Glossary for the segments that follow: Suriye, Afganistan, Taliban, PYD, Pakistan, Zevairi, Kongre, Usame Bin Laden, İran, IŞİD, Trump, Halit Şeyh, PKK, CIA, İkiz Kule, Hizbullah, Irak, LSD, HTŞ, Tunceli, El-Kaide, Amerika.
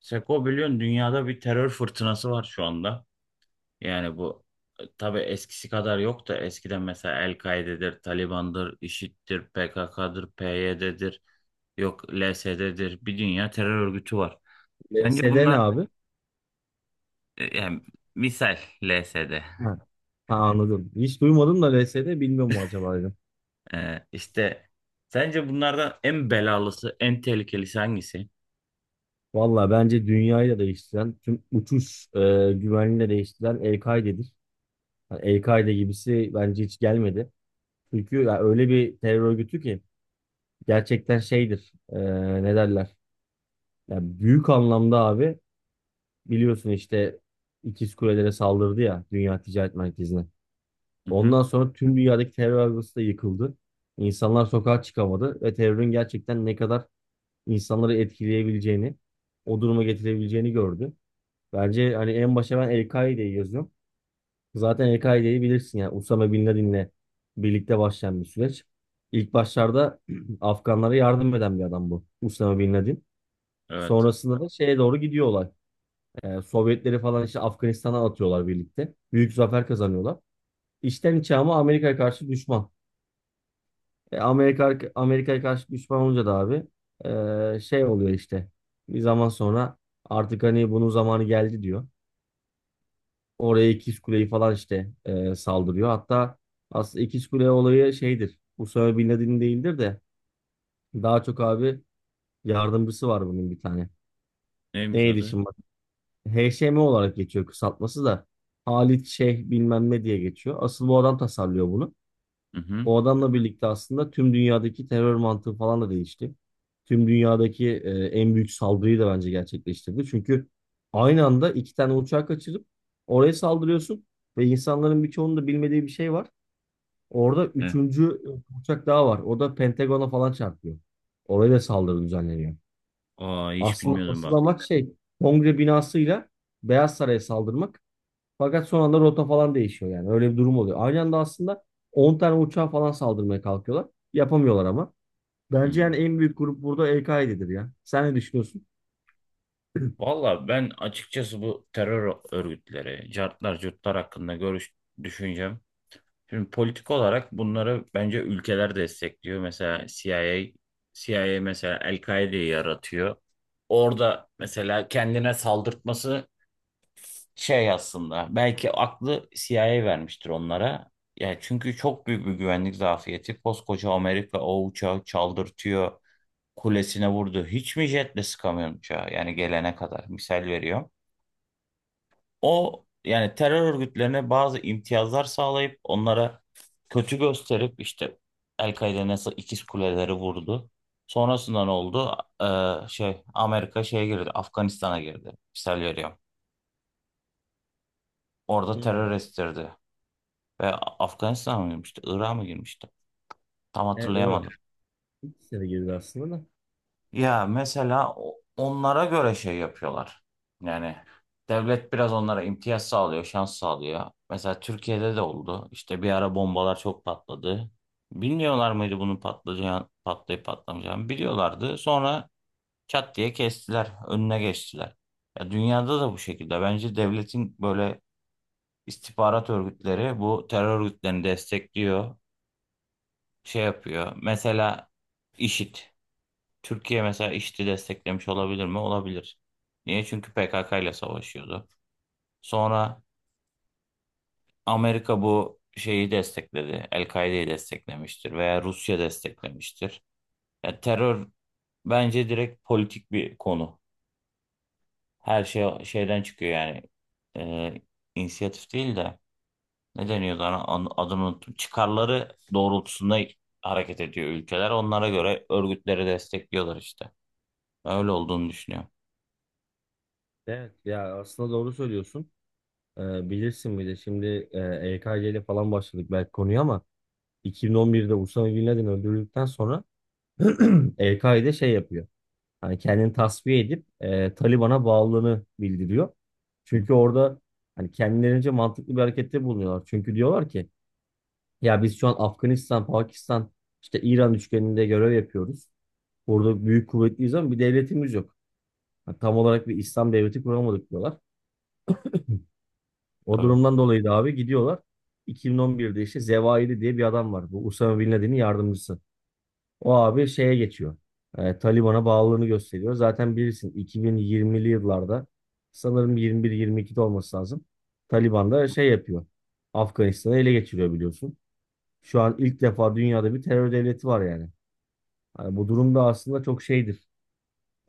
Seko, biliyorsun dünyada bir terör fırtınası var şu anda. Yani bu tabii eskisi kadar yok da eskiden mesela El-Kaide'dir, Taliban'dır, IŞİD'dir, PKK'dır, PYD'dir, yok LSD'dir. Bir dünya terör örgütü var. Sence LSD ne bunlar, abi? Yani misal LSD, Ha, ha, anladım. Hiç duymadım da LSD bilmiyorum mu acaba dedim. İşte sence bunlardan en belalısı, en tehlikelisi hangisi? Valla bence dünyayı da değiştiren, tüm uçuş güvenliğini de değiştiren El-Kaide'dir. Yani El-Kaide gibisi bence hiç gelmedi. Çünkü ya öyle bir terör örgütü ki gerçekten şeydir. Ne derler? Ya büyük anlamda abi biliyorsun işte İkiz Kulelere saldırdı ya Dünya Ticaret Merkezi'ne. Hı hı, Ondan sonra tüm dünyadaki terör örgütü de yıkıldı. İnsanlar sokağa çıkamadı ve terörün gerçekten ne kadar insanları etkileyebileceğini, o duruma getirebileceğini gördü. Bence hani en başa ben El-Kaide'yi yazıyorum. Zaten El-Kaide'yi bilirsin yani Usame Bin Laden'le birlikte başlayan bir süreç. İlk başlarda Afganlara yardım eden bir adam bu Usame Bin Laden. evet. Sonrasında da şeye doğru gidiyorlar. Sovyetleri falan işte Afganistan'a atıyorlar birlikte. Büyük zafer kazanıyorlar. İçten içe ama Amerika'ya karşı düşman. Amerika Amerika'ya karşı düşman olunca da abi şey oluyor işte. Bir zaman sonra artık hani bunun zamanı geldi diyor. Oraya İkiz Kule'yi falan işte saldırıyor. Hatta aslında İkiz Kule olayı şeydir. Usame Bin Laden değildir de daha çok abi yardımcısı var bunun bir tane. Neymiş Neydi adı? şimdi bak? HŞM olarak geçiyor kısaltması da. Halit Şeyh bilmem ne diye geçiyor. Asıl bu adam tasarlıyor bunu. Hı hı. O adamla birlikte aslında tüm dünyadaki terör mantığı falan da değişti. Tüm dünyadaki en büyük saldırıyı da bence gerçekleştirdi. Çünkü aynı anda iki tane uçağı kaçırıp oraya saldırıyorsun ve insanların birçoğunun da bilmediği bir şey var. Orada E, üçüncü uçak daha var. O da Pentagon'a falan çarpıyor. Oraya da saldırı düzenleniyor. Aa, hiç Aslında bilmiyordum asıl bak. amaç şey, Kongre binasıyla Beyaz Saray'a saldırmak. Fakat son anda rota falan değişiyor yani. Öyle bir durum oluyor. Aynı anda aslında 10 tane uçağa falan saldırmaya kalkıyorlar. Yapamıyorlar ama. Bence Hı. yani en büyük grup burada El-Kaide'dir ya. Sen ne düşünüyorsun? Valla, ben açıkçası bu terör örgütleri, cartlar, curtlar hakkında görüş düşüncem. Şimdi politik olarak bunları bence ülkeler destekliyor. Mesela CIA, CIA mesela El-Kaide'yi yaratıyor. Orada mesela kendine saldırtması şey aslında. Belki aklı CIA vermiştir onlara. Yani çünkü çok büyük bir güvenlik zafiyeti. Koskoca Amerika o uçağı çaldırtıyor. Kulesine vurdu. Hiç mi jetle sıkamıyor uçağı? Yani gelene kadar. Misal veriyorum. O yani terör örgütlerine bazı imtiyazlar sağlayıp onlara kötü gösterip işte El-Kaide nasıl İkiz Kuleleri vurdu. Sonrasında ne oldu? Şey Amerika şeye girdi. Afganistan'a girdi. Misal veriyorum. Orada Hmm. terör estirdi. Ve Afganistan'a mı girmişti? Irak'a mı girmişti? Tam Evet, öyle. hatırlayamadım. İkisine de girdi aslında da. Ya mesela onlara göre şey yapıyorlar. Yani devlet biraz onlara imtiyaz sağlıyor, şans sağlıyor. Mesela Türkiye'de de oldu. İşte bir ara bombalar çok patladı. Bilmiyorlar mıydı bunun patlayacağını, patlayıp patlamayacağını? Biliyorlardı. Sonra çat diye kestiler, önüne geçtiler. Ya dünyada da bu şekilde. Bence devletin böyle istihbarat örgütleri bu terör örgütlerini destekliyor, şey yapıyor. Mesela IŞİD. Türkiye mesela IŞİD'i desteklemiş olabilir mi? Olabilir. Niye? Çünkü PKK ile savaşıyordu. Sonra Amerika bu şeyi destekledi. El-Kaide'yi desteklemiştir veya Rusya desteklemiştir. Ya terör bence direkt politik bir konu. Her şey şeyden çıkıyor yani. Ee, inisiyatif değil de ne deniyordu adını unuttum. Çıkarları doğrultusunda hareket ediyor ülkeler. Onlara göre örgütleri destekliyorlar işte. Öyle olduğunu düşünüyorum. Evet ya aslında doğru söylüyorsun. Bilirsin bir de şimdi e, EKG ile falan başladık belki konuya ama 2011'de Usama Bin Laden öldürüldükten sonra EKG de şey yapıyor. Hani kendini tasfiye edip Taliban'a bağlılığını bildiriyor. Hı, Çünkü orada hani kendilerince mantıklı bir harekette bulunuyorlar. Çünkü diyorlar ki ya biz şu an Afganistan, Pakistan, işte İran üçgeninde görev yapıyoruz. Burada büyük kuvvetliyiz ama bir devletimiz yok. Yani tam olarak bir İslam devleti kuramadık diyorlar. O tabii. durumdan dolayı da abi gidiyorlar. 2011'de işte Zevairi diye bir adam var. Bu Usama Bin Laden'in yardımcısı. O abi şeye geçiyor. Taliban'a bağlılığını gösteriyor. Zaten bilirsin 2020'li yıllarda sanırım 21-22'de olması lazım. Taliban da şey yapıyor. Afganistan'ı ele geçiriyor biliyorsun. Şu an ilk defa dünyada bir terör devleti var yani. Hani bu durum da aslında çok şeydir.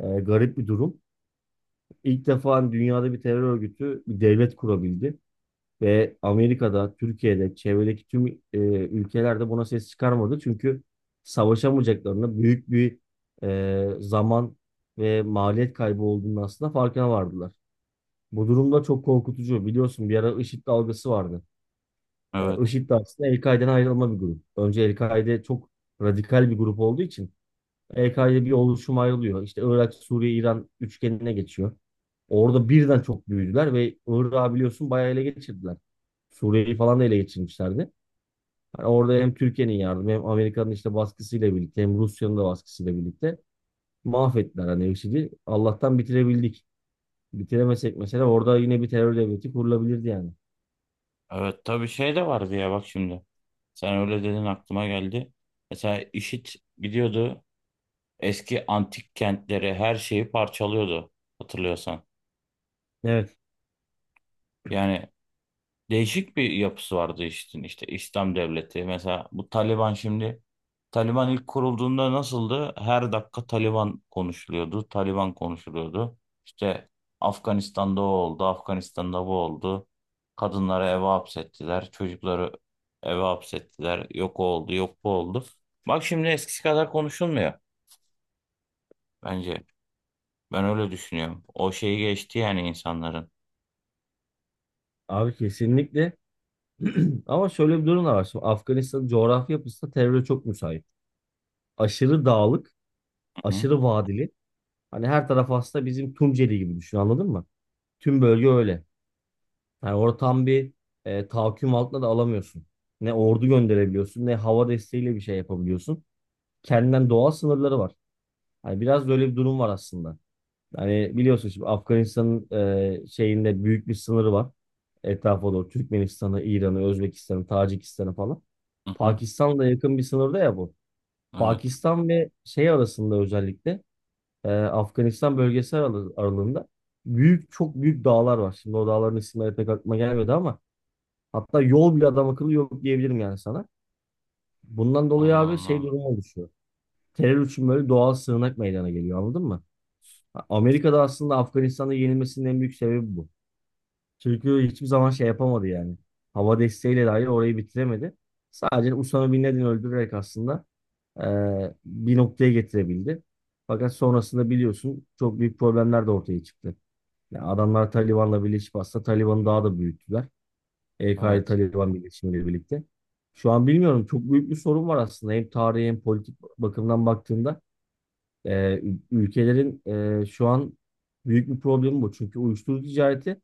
Garip bir durum. İlk defa dünyada bir terör örgütü bir devlet kurabildi. Ve Amerika'da, Türkiye'de, çevredeki tüm ülkelerde buna ses çıkarmadı. Çünkü savaşamayacaklarını büyük bir zaman ve maliyet kaybı olduğunu aslında farkına vardılar. Bu durumda çok korkutucu. Biliyorsun bir ara IŞİD dalgası vardı. Evet. IŞİD de aslında El-Kaide'den ayrılma bir grup. Önce El-Kaide çok radikal bir grup olduğu için EK'de bir oluşum ayrılıyor. İşte Irak, Suriye, İran üçgenine geçiyor. Orada birden çok büyüdüler ve Irak'ı biliyorsun bayağı ele geçirdiler. Suriye'yi falan da ele geçirmişlerdi. Hani orada hem Türkiye'nin yardımı hem Amerika'nın işte baskısıyla birlikte hem Rusya'nın da baskısıyla birlikte mahvettiler hani IŞİD'i. Allah'tan bitirebildik. Bitiremesek mesela orada yine bir terör devleti kurulabilirdi yani. Evet, tabii şey de vardı ya bak şimdi. Sen öyle dedin aklıma geldi. Mesela IŞİD gidiyordu, eski antik kentleri, her şeyi parçalıyordu hatırlıyorsan. Evet Yani değişik bir yapısı vardı işte, işte İslam devleti. Mesela bu Taliban şimdi, Taliban ilk kurulduğunda nasıldı? Her dakika Taliban konuşuluyordu. Taliban konuşuluyordu. İşte Afganistan'da o oldu, Afganistan'da bu oldu. Kadınları eve hapsettiler, çocukları eve hapsettiler. Yok o oldu, yok bu oldu. Bak şimdi eskisi kadar konuşulmuyor bence. Ben öyle düşünüyorum. O şeyi geçti yani insanların. abi kesinlikle. Ama şöyle bir durum da var. Şimdi Afganistan'ın coğrafi yapısı da teröre çok müsait. Aşırı dağlık, Hı hı. aşırı vadili. Hani her taraf aslında bizim Tunceli gibi düşün anladın mı? Tüm bölge öyle. Yani orada tam bir tahakküm altına da alamıyorsun. Ne ordu gönderebiliyorsun ne hava desteğiyle bir şey yapabiliyorsun. Kendinden doğal sınırları var. Hani biraz böyle bir durum var aslında. Hani biliyorsun şimdi Afganistan'ın şeyinde büyük bir sınırı var. Etrafa doğru Türkmenistan'ı, İran'ı, Özbekistan'ı, Tacikistan'ı falan. Hı hı. Pakistan'la yakın bir sınırda ya bu. Evet. Pakistan ve şey arasında özellikle Afganistan bölgesi aralığında büyük çok büyük dağlar var. Şimdi o dağların isimleri pek aklıma gelmedi ama hatta yol bile adam akıllı yok diyebilirim yani sana. Bundan dolayı Allah abi Allah. şey durumu oluşuyor. Terör için böyle doğal sığınak meydana geliyor anladın mı? Amerika'da aslında Afganistan'da yenilmesinin en büyük sebebi bu. Çünkü hiçbir zaman şey yapamadı yani. Hava desteğiyle dahi orayı bitiremedi. Sadece Usama Bin Laden'i öldürerek aslında e, bir noktaya getirebildi. Fakat sonrasında biliyorsun çok büyük problemler de ortaya çıktı. Yani adamlar Taliban'la birleşip aslında Taliban'ı daha da büyüttüler. EKD Evet. Taliban birleşimiyle birlikte. Şu an bilmiyorum çok büyük bir sorun var aslında. Hem tarihi hem politik bakımdan baktığında e, ülkelerin şu an büyük bir problemi bu. Çünkü uyuşturucu ticareti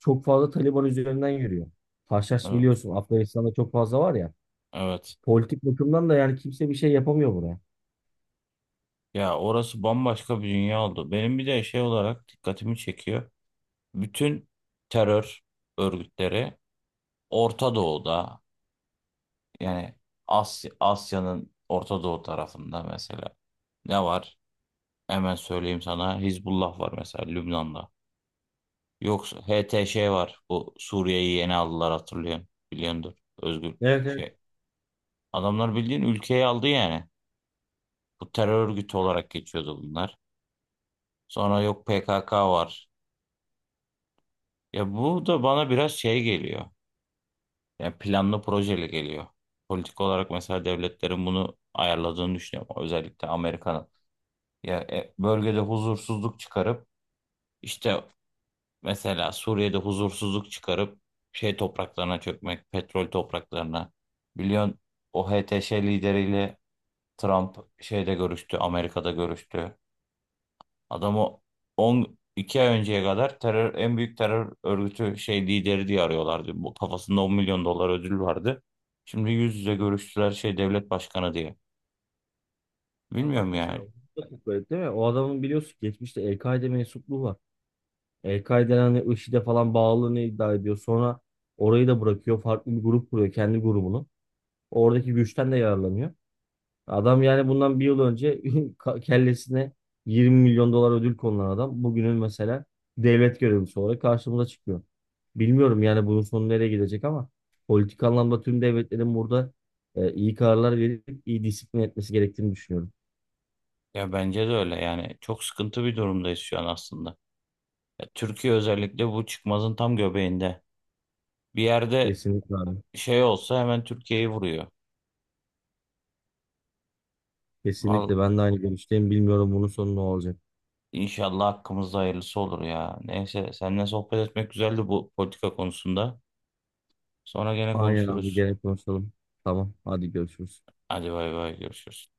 çok fazla Taliban üzerinden yürüyor. Haşhaş Evet. biliyorsun Afganistan'da çok fazla var ya. Evet. Politik bakımdan da yani kimse bir şey yapamıyor buraya. Ya, orası bambaşka bir dünya oldu. Benim bir de şey olarak dikkatimi çekiyor. Bütün terör örgütleri Orta Doğu'da, yani Asya, Asya'nın Orta Doğu tarafında mesela ne var? Hemen söyleyeyim sana. Hizbullah var mesela Lübnan'da. Yoksa HTŞ var. Bu Suriye'yi yeni aldılar, hatırlıyorsun. Biliyordur. Özgür Evet, evet. şey. Adamlar bildiğin ülkeyi aldı yani. Bu terör örgütü olarak geçiyordu bunlar. Sonra yok PKK var. Ya bu da bana biraz şey geliyor. Yani planlı projeli geliyor. Politik olarak mesela devletlerin bunu ayarladığını düşünüyorum. Özellikle Amerika'nın. Ya, bölgede huzursuzluk çıkarıp işte mesela Suriye'de huzursuzluk çıkarıp şey topraklarına çökmek, petrol topraklarına. Biliyorsun o HTŞ lideriyle Trump şeyde görüştü, Amerika'da görüştü. Adamı 12 ay önceye kadar terör, en büyük terör örgütü şey lideri diye arıyorlardı. Bu kafasında 10 milyon dolar ödül vardı. Şimdi yüz yüze görüştüler şey devlet başkanı diye. Ha bak Bilmiyorum mesela yani. o da çok garip değil mi? O adamın biliyorsun geçmişte El-Kaide mensupluğu var. El-Kaide'nin hani IŞİD'e falan bağlılığını iddia ediyor. Sonra orayı da bırakıyor. Farklı bir grup kuruyor. Kendi grubunu. Oradaki güçten de yararlanıyor. Adam yani bundan bir yıl önce kellesine 20 milyon dolar ödül konulan adam. Bugünün mesela devlet görevlisi olarak karşımıza çıkıyor. Bilmiyorum yani bunun sonu nereye gidecek ama politik anlamda tüm devletlerin burada iyi kararlar verip iyi disiplin etmesi gerektiğini düşünüyorum. Ya bence de öyle yani. Çok sıkıntı bir durumdayız şu an aslında. Ya Türkiye özellikle bu çıkmazın tam göbeğinde. Bir yerde Kesinlikle abi. şey olsa hemen Türkiye'yi vuruyor. Val Kesinlikle ben de aynı görüşteyim. Bilmiyorum bunun sonu ne olacak. inşallah hakkımızda hayırlısı olur ya. Neyse, seninle sohbet etmek güzeldi bu politika konusunda. Sonra gene Aynen abi konuşuruz. gene konuşalım. Tamam hadi görüşürüz. Hadi bay bay, görüşürüz.